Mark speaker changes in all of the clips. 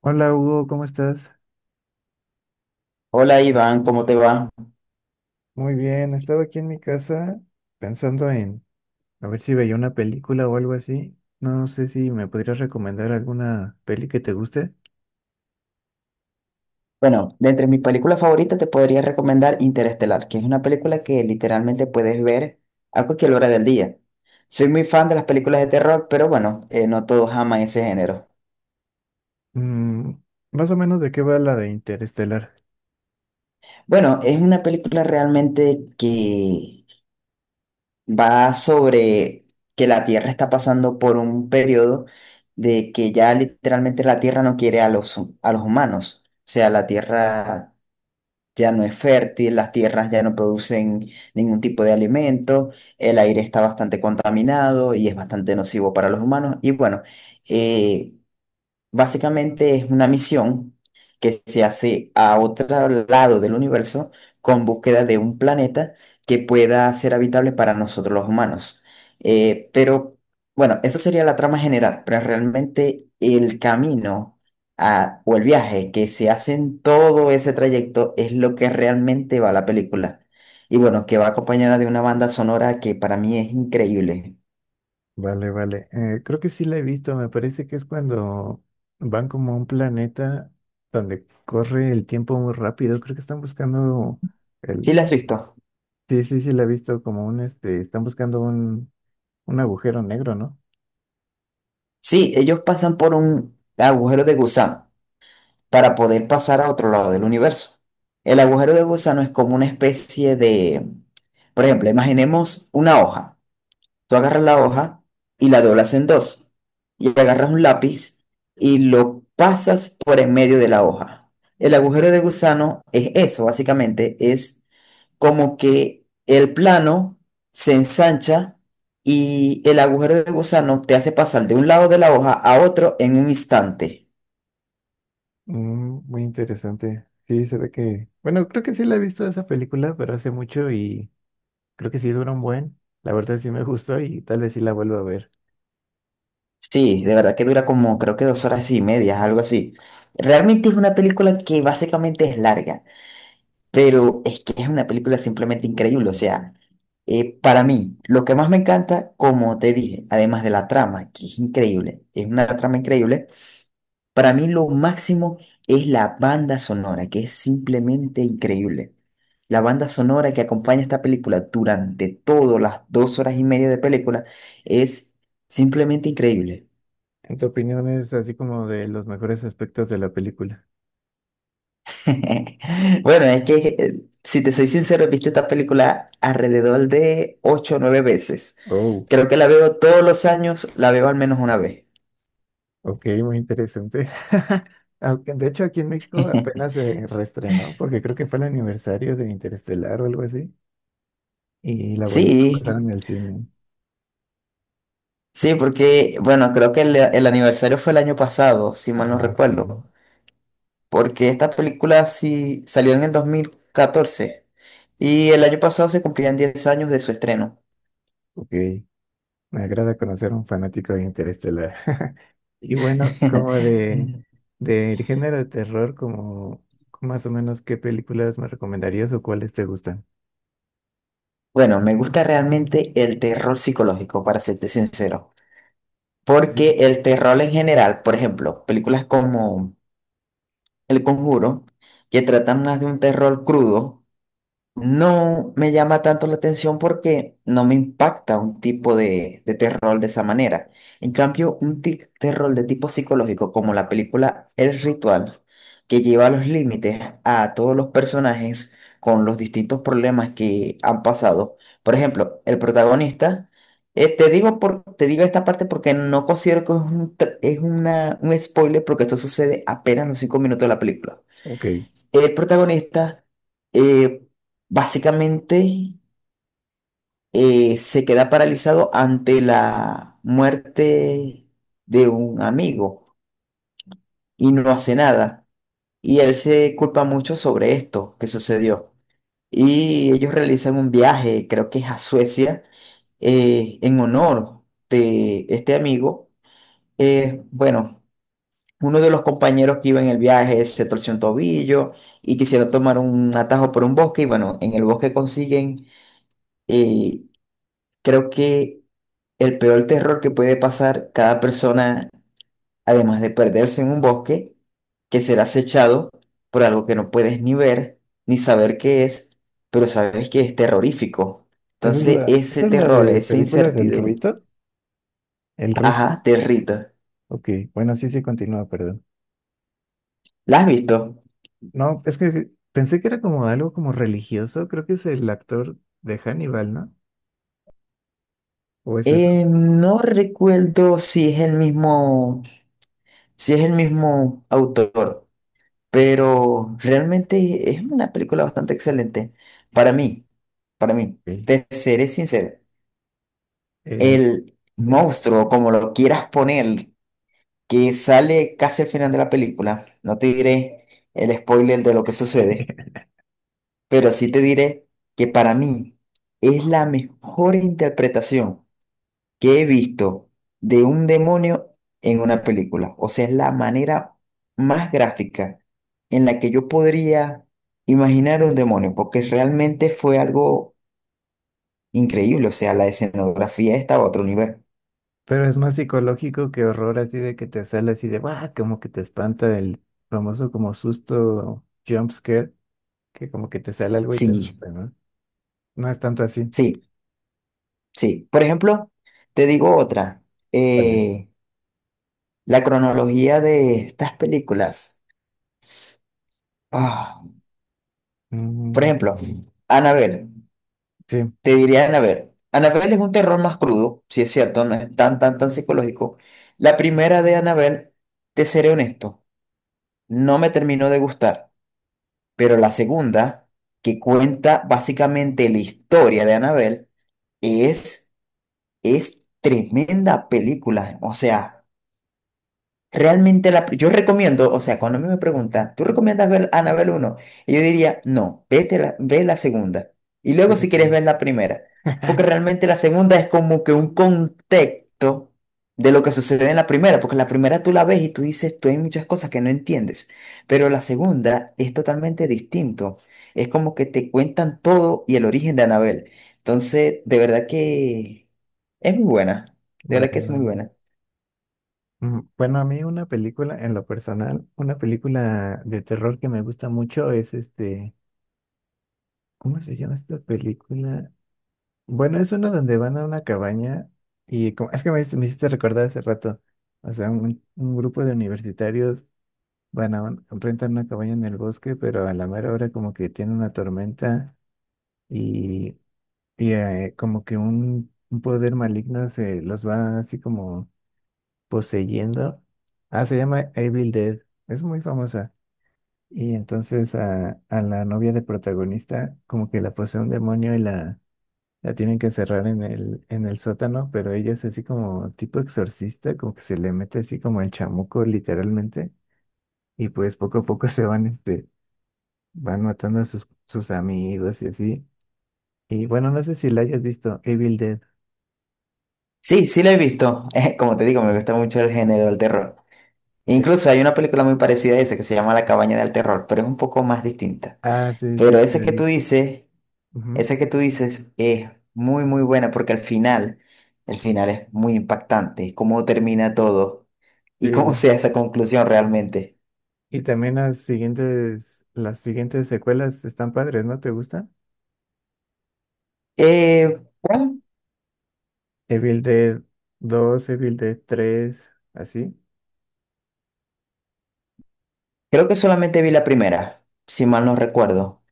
Speaker 1: Hola Hugo, ¿cómo estás?
Speaker 2: Hola Iván, ¿cómo te va?
Speaker 1: Muy bien, estaba aquí en mi casa pensando en a ver si veía una película o algo así. No sé si me podrías recomendar alguna peli que te guste.
Speaker 2: Bueno, de entre mis películas favoritas te podría recomendar Interestelar, que es una película que literalmente puedes ver a cualquier hora del día. Soy muy fan de las películas de terror, pero bueno, no todos aman ese género.
Speaker 1: Mm, más o menos de qué va la de Interestelar.
Speaker 2: Bueno, es una película realmente que va sobre que la Tierra está pasando por un periodo de que ya literalmente la Tierra no quiere a los humanos. O sea, la Tierra ya no es fértil, las tierras ya no producen ningún tipo de alimento, el aire está bastante contaminado y es bastante nocivo para los humanos. Y bueno, eh, Básicamente es una misión que se hace a otro lado del universo con búsqueda de un planeta que pueda ser habitable para nosotros los humanos. Pero bueno, esa sería la trama general, pero realmente el camino o el viaje que se hace en todo ese trayecto es lo que realmente va a la película. Y bueno, que va acompañada de una banda sonora que para mí es increíble.
Speaker 1: Vale, vale. Creo que sí la he visto, me parece que es cuando van como a un planeta donde corre el tiempo muy rápido. Creo que están buscando
Speaker 2: ¿Sí
Speaker 1: el...
Speaker 2: la has visto?
Speaker 1: Sí, sí, sí la he visto como un este, están buscando un agujero negro, ¿no?
Speaker 2: Sí, ellos pasan por un agujero de gusano para poder pasar a otro lado del universo. El agujero de gusano es como una especie de, por ejemplo, imaginemos una hoja. Tú agarras la hoja y la doblas en dos y agarras un lápiz y lo pasas por en medio de la hoja. El agujero de gusano es eso, básicamente, es como que el plano se ensancha y el agujero de gusano te hace pasar de un lado de la hoja a otro en un instante.
Speaker 1: Mm, muy interesante. Sí, se ve que... Bueno, creo que sí la he visto esa película, pero hace mucho y creo que sí dura un buen. La verdad sí me gustó y tal vez sí la vuelvo a ver.
Speaker 2: Sí, de verdad que dura como creo que 2 horas y media, algo así. Realmente es una película que básicamente es larga, pero es que es una película simplemente increíble. O sea, para mí, lo que más me encanta, como te dije, además de la trama, que es increíble, es una trama increíble, para mí lo máximo es la banda sonora, que es simplemente increíble. La banda sonora que acompaña esta película durante todas las 2 horas y media de película es simplemente increíble.
Speaker 1: ¿En tu opinión es así como de los mejores aspectos de la película?
Speaker 2: Bueno, es que si te soy sincero, he visto esta película alrededor de 8 o 9 veces.
Speaker 1: Oh,
Speaker 2: Creo que la veo todos los años, la veo al menos una vez.
Speaker 1: ok, muy interesante. Aunque de hecho aquí en México apenas se reestrenó, porque creo que fue el aniversario de Interestelar o algo así, y la volvieron a
Speaker 2: Sí,
Speaker 1: pasar en el cine.
Speaker 2: sí, porque, bueno, creo que el aniversario fue el año pasado, si mal no
Speaker 1: Ah, sí,
Speaker 2: recuerdo, porque esta película sí salió en el 2014 y el año pasado se cumplían 10 años de su estreno.
Speaker 1: ok. Me agrada conocer a un fanático de Interestelar. Y bueno, como de del género de terror, como más o menos qué películas me recomendarías o cuáles te gustan.
Speaker 2: Bueno, me gusta realmente el terror psicológico, para serte sincero. Porque
Speaker 1: Bien.
Speaker 2: el terror en general, por ejemplo, películas como El Conjuro, que tratan más de un terror crudo, no me llama tanto la atención porque no me impacta un tipo de terror de esa manera. En cambio, un terror de tipo psicológico, como la película El Ritual, que lleva a los límites a todos los personajes con los distintos problemas que han pasado. Por ejemplo, el protagonista, te digo esta parte porque no considero que es un, tr- es una, un spoiler porque esto sucede apenas en los 5 minutos de la película.
Speaker 1: Ok. Esa
Speaker 2: El protagonista eh, básicamente se queda paralizado ante la muerte de un amigo y no hace nada. Y él se culpa mucho sobre esto que sucedió. Y ellos realizan un viaje, creo que es a Suecia, en honor de este amigo. Bueno, uno de los compañeros que iba en el viaje se torció un tobillo y quisieron tomar un atajo por un bosque y bueno, en el bosque consiguen. Y creo que el peor terror que puede pasar cada persona, además de perderse en un bosque, que será acechado por algo que no puedes ni ver, ni saber qué es, pero sabes que es terrorífico.
Speaker 1: Es
Speaker 2: Entonces,
Speaker 1: la,
Speaker 2: ese
Speaker 1: esa es la
Speaker 2: terror,
Speaker 1: de
Speaker 2: esa
Speaker 1: película del
Speaker 2: incertidumbre,
Speaker 1: Rito. El ritmo.
Speaker 2: ajá, territo.
Speaker 1: Ok, bueno, sí, sí, continúa, perdón.
Speaker 2: ¿La has visto?
Speaker 1: No, es que pensé que era como algo como religioso, creo que es el actor de Hannibal, ¿no? ¿O es eso?
Speaker 2: No recuerdo si es el mismo autor. Pero realmente es una película bastante excelente. Para mí, para mí,
Speaker 1: Ok.
Speaker 2: te seré sincero,
Speaker 1: Eh,
Speaker 2: el
Speaker 1: ujú.
Speaker 2: monstruo, como lo quieras poner, que sale casi al final de la película, no te diré el spoiler de lo que sucede, pero sí te diré que para mí es la mejor interpretación que he visto de un demonio en una película. O sea, es la manera más gráfica en la que yo podría imaginar un demonio, porque realmente fue algo increíble. O sea, la escenografía estaba a otro nivel.
Speaker 1: Pero es más psicológico que horror, así de que te sale así de, ¡guau! Como que te espanta el famoso como susto jump scare, que como que te sale algo y te
Speaker 2: Sí,
Speaker 1: asusta, ¿no? No es tanto así.
Speaker 2: sí, sí. Por ejemplo, te digo otra.
Speaker 1: Vale.
Speaker 2: eh, la cronología de estas películas. Ah, por
Speaker 1: Mm,
Speaker 2: ejemplo, Annabelle.
Speaker 1: sí,
Speaker 2: Te diría Annabelle. Annabelle es un terror más crudo, si es cierto, no es tan, tan, tan psicológico. La primera de Annabelle, te seré honesto, no me terminó de gustar, pero la segunda, que cuenta básicamente la historia de Annabelle, es, es tremenda película. O sea, realmente yo recomiendo, o sea, cuando a mí me preguntan, ¿tú recomiendas ver Annabelle uno? Y yo diría, no, ve la segunda. Y
Speaker 1: sí,
Speaker 2: luego
Speaker 1: sí,
Speaker 2: si quieres
Speaker 1: claro.
Speaker 2: ver la primera. Porque realmente la segunda es como que un contexto de lo que sucede en la primera. Porque la primera tú la ves y tú dices, tú hay muchas cosas que no entiendes. Pero la segunda es totalmente distinto. Es como que te cuentan todo y el origen de Annabelle. Entonces, de verdad que es muy buena. De
Speaker 1: Vale,
Speaker 2: verdad que es muy
Speaker 1: vale.
Speaker 2: buena.
Speaker 1: Mm, bueno, a mí una película, en lo personal, una película de terror que me gusta mucho es este, ¿cómo se llama esta película? Bueno, es uno donde van a una cabaña y como, es que me, hice- me hiciste recordar hace rato, o sea, un grupo de universitarios van a un- rentan una cabaña en el bosque, pero a la mera hora como que tiene una tormenta y, como que un poder maligno se los va así como poseyendo. Ah, se llama Evil Dead, es muy famosa. Y entonces a la novia del protagonista como que la posee un demonio y la tienen que encerrar en en el sótano, pero ella es así como tipo exorcista, como que se le mete así como el chamuco literalmente, y pues poco a poco se van, este, van matando a sus amigos y así. Y bueno, no sé si la hayas visto, Evil Dead.
Speaker 2: Sí, sí la he visto. Como te digo, me gusta mucho el género del terror.
Speaker 1: Eh,
Speaker 2: Incluso hay una película muy parecida a esa que se llama La cabaña del terror, pero es un poco más distinta.
Speaker 1: Ah, sí, sí,
Speaker 2: Pero
Speaker 1: sí,
Speaker 2: esa
Speaker 1: la
Speaker 2: que tú
Speaker 1: vi.
Speaker 2: dices,
Speaker 1: Ujú.
Speaker 2: esa que tú dices es muy, muy buena porque al final, el final es muy impactante, cómo termina todo y cómo
Speaker 1: Sí.
Speaker 2: sea esa conclusión realmente.
Speaker 1: Y también las siguientes secuelas están padres, ¿no? ¿Te gustan?
Speaker 2: Eh, bueno,
Speaker 1: Evil Dead dos Evil Dead tres así.
Speaker 2: creo que solamente vi la primera, si mal
Speaker 1: Ujú.
Speaker 2: no recuerdo.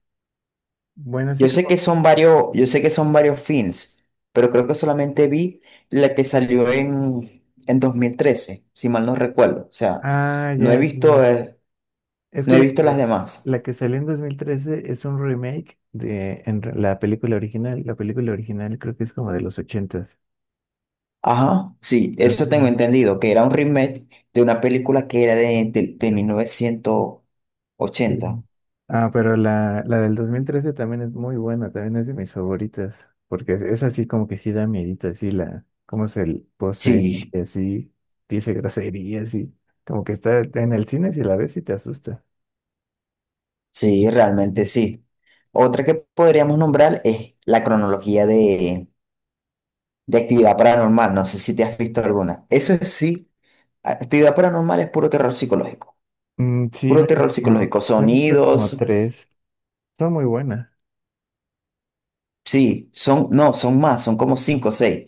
Speaker 1: Bueno, así
Speaker 2: Yo sé
Speaker 1: como...
Speaker 2: que son varios, yo sé que son varios films, pero creo que solamente vi la que salió en 2013 si mal no recuerdo. O sea,
Speaker 1: Ah,
Speaker 2: no he
Speaker 1: ya, sí.
Speaker 2: visto, eh,
Speaker 1: Es
Speaker 2: no
Speaker 1: que
Speaker 2: he
Speaker 1: la que,
Speaker 2: visto las
Speaker 1: sa-
Speaker 2: demás.
Speaker 1: la que salió en 2013 es un remake de en re- la película original. La película original creo que es como de los 80.
Speaker 2: Ajá, sí,
Speaker 1: Ah,
Speaker 2: eso tengo
Speaker 1: sí.
Speaker 2: entendido, que era un remake de una película que era de mil novecientos
Speaker 1: Sí.
Speaker 2: ochenta
Speaker 1: Ah, pero la del 2013 también es muy buena, también es de mis favoritas, porque es así como que sí da miedito, así la, cómo se l- posee,
Speaker 2: Sí,
Speaker 1: y así, dice groserías, y como que está en el cine si la ves y te asusta.
Speaker 2: sí, realmente sí. Otra que podríamos nombrar es la cronología de actividad paranormal. No sé si te has visto alguna. Eso sí. Actividad paranormal es puro terror psicológico.
Speaker 1: Mm, sí,
Speaker 2: Puro terror psicológico.
Speaker 1: me he visto como
Speaker 2: Sonidos,
Speaker 1: tres, son muy buenas.
Speaker 2: sí, son, no, son más, son como cinco o seis.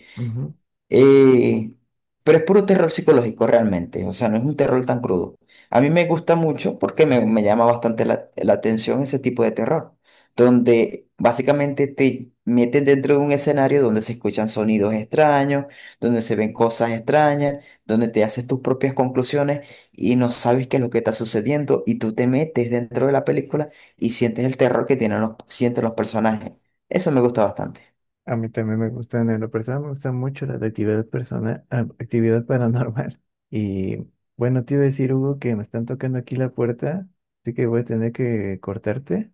Speaker 2: Eh, pero es puro terror psicológico realmente, o sea, no es un terror tan crudo. A mí me gusta mucho porque me llama bastante la atención ese tipo de terror, donde básicamente te meten dentro de un escenario donde se escuchan sonidos extraños, donde se ven cosas extrañas, donde te haces tus propias conclusiones y no sabes qué es lo que está sucediendo y tú te metes dentro de la película y sientes el terror que sienten los personajes. Eso me gusta bastante.
Speaker 1: A mí también me gustan, en lo personal me gusta mucho la de actividad persona, ah, actividad paranormal. Y bueno, te iba a decir, Hugo, que me están tocando aquí la puerta, así que voy a tener que cortarte,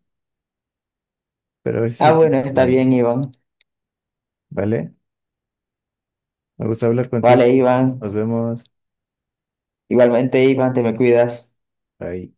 Speaker 1: pero a ver si
Speaker 2: Ah,
Speaker 1: seguimos
Speaker 2: bueno, está
Speaker 1: hablando,
Speaker 2: bien, Iván.
Speaker 1: ¿vale? Me gusta hablar contigo,
Speaker 2: Vale,
Speaker 1: Juan.
Speaker 2: Iván.
Speaker 1: Nos vemos.
Speaker 2: Igualmente, Iván, te me cuidas.
Speaker 1: Bye.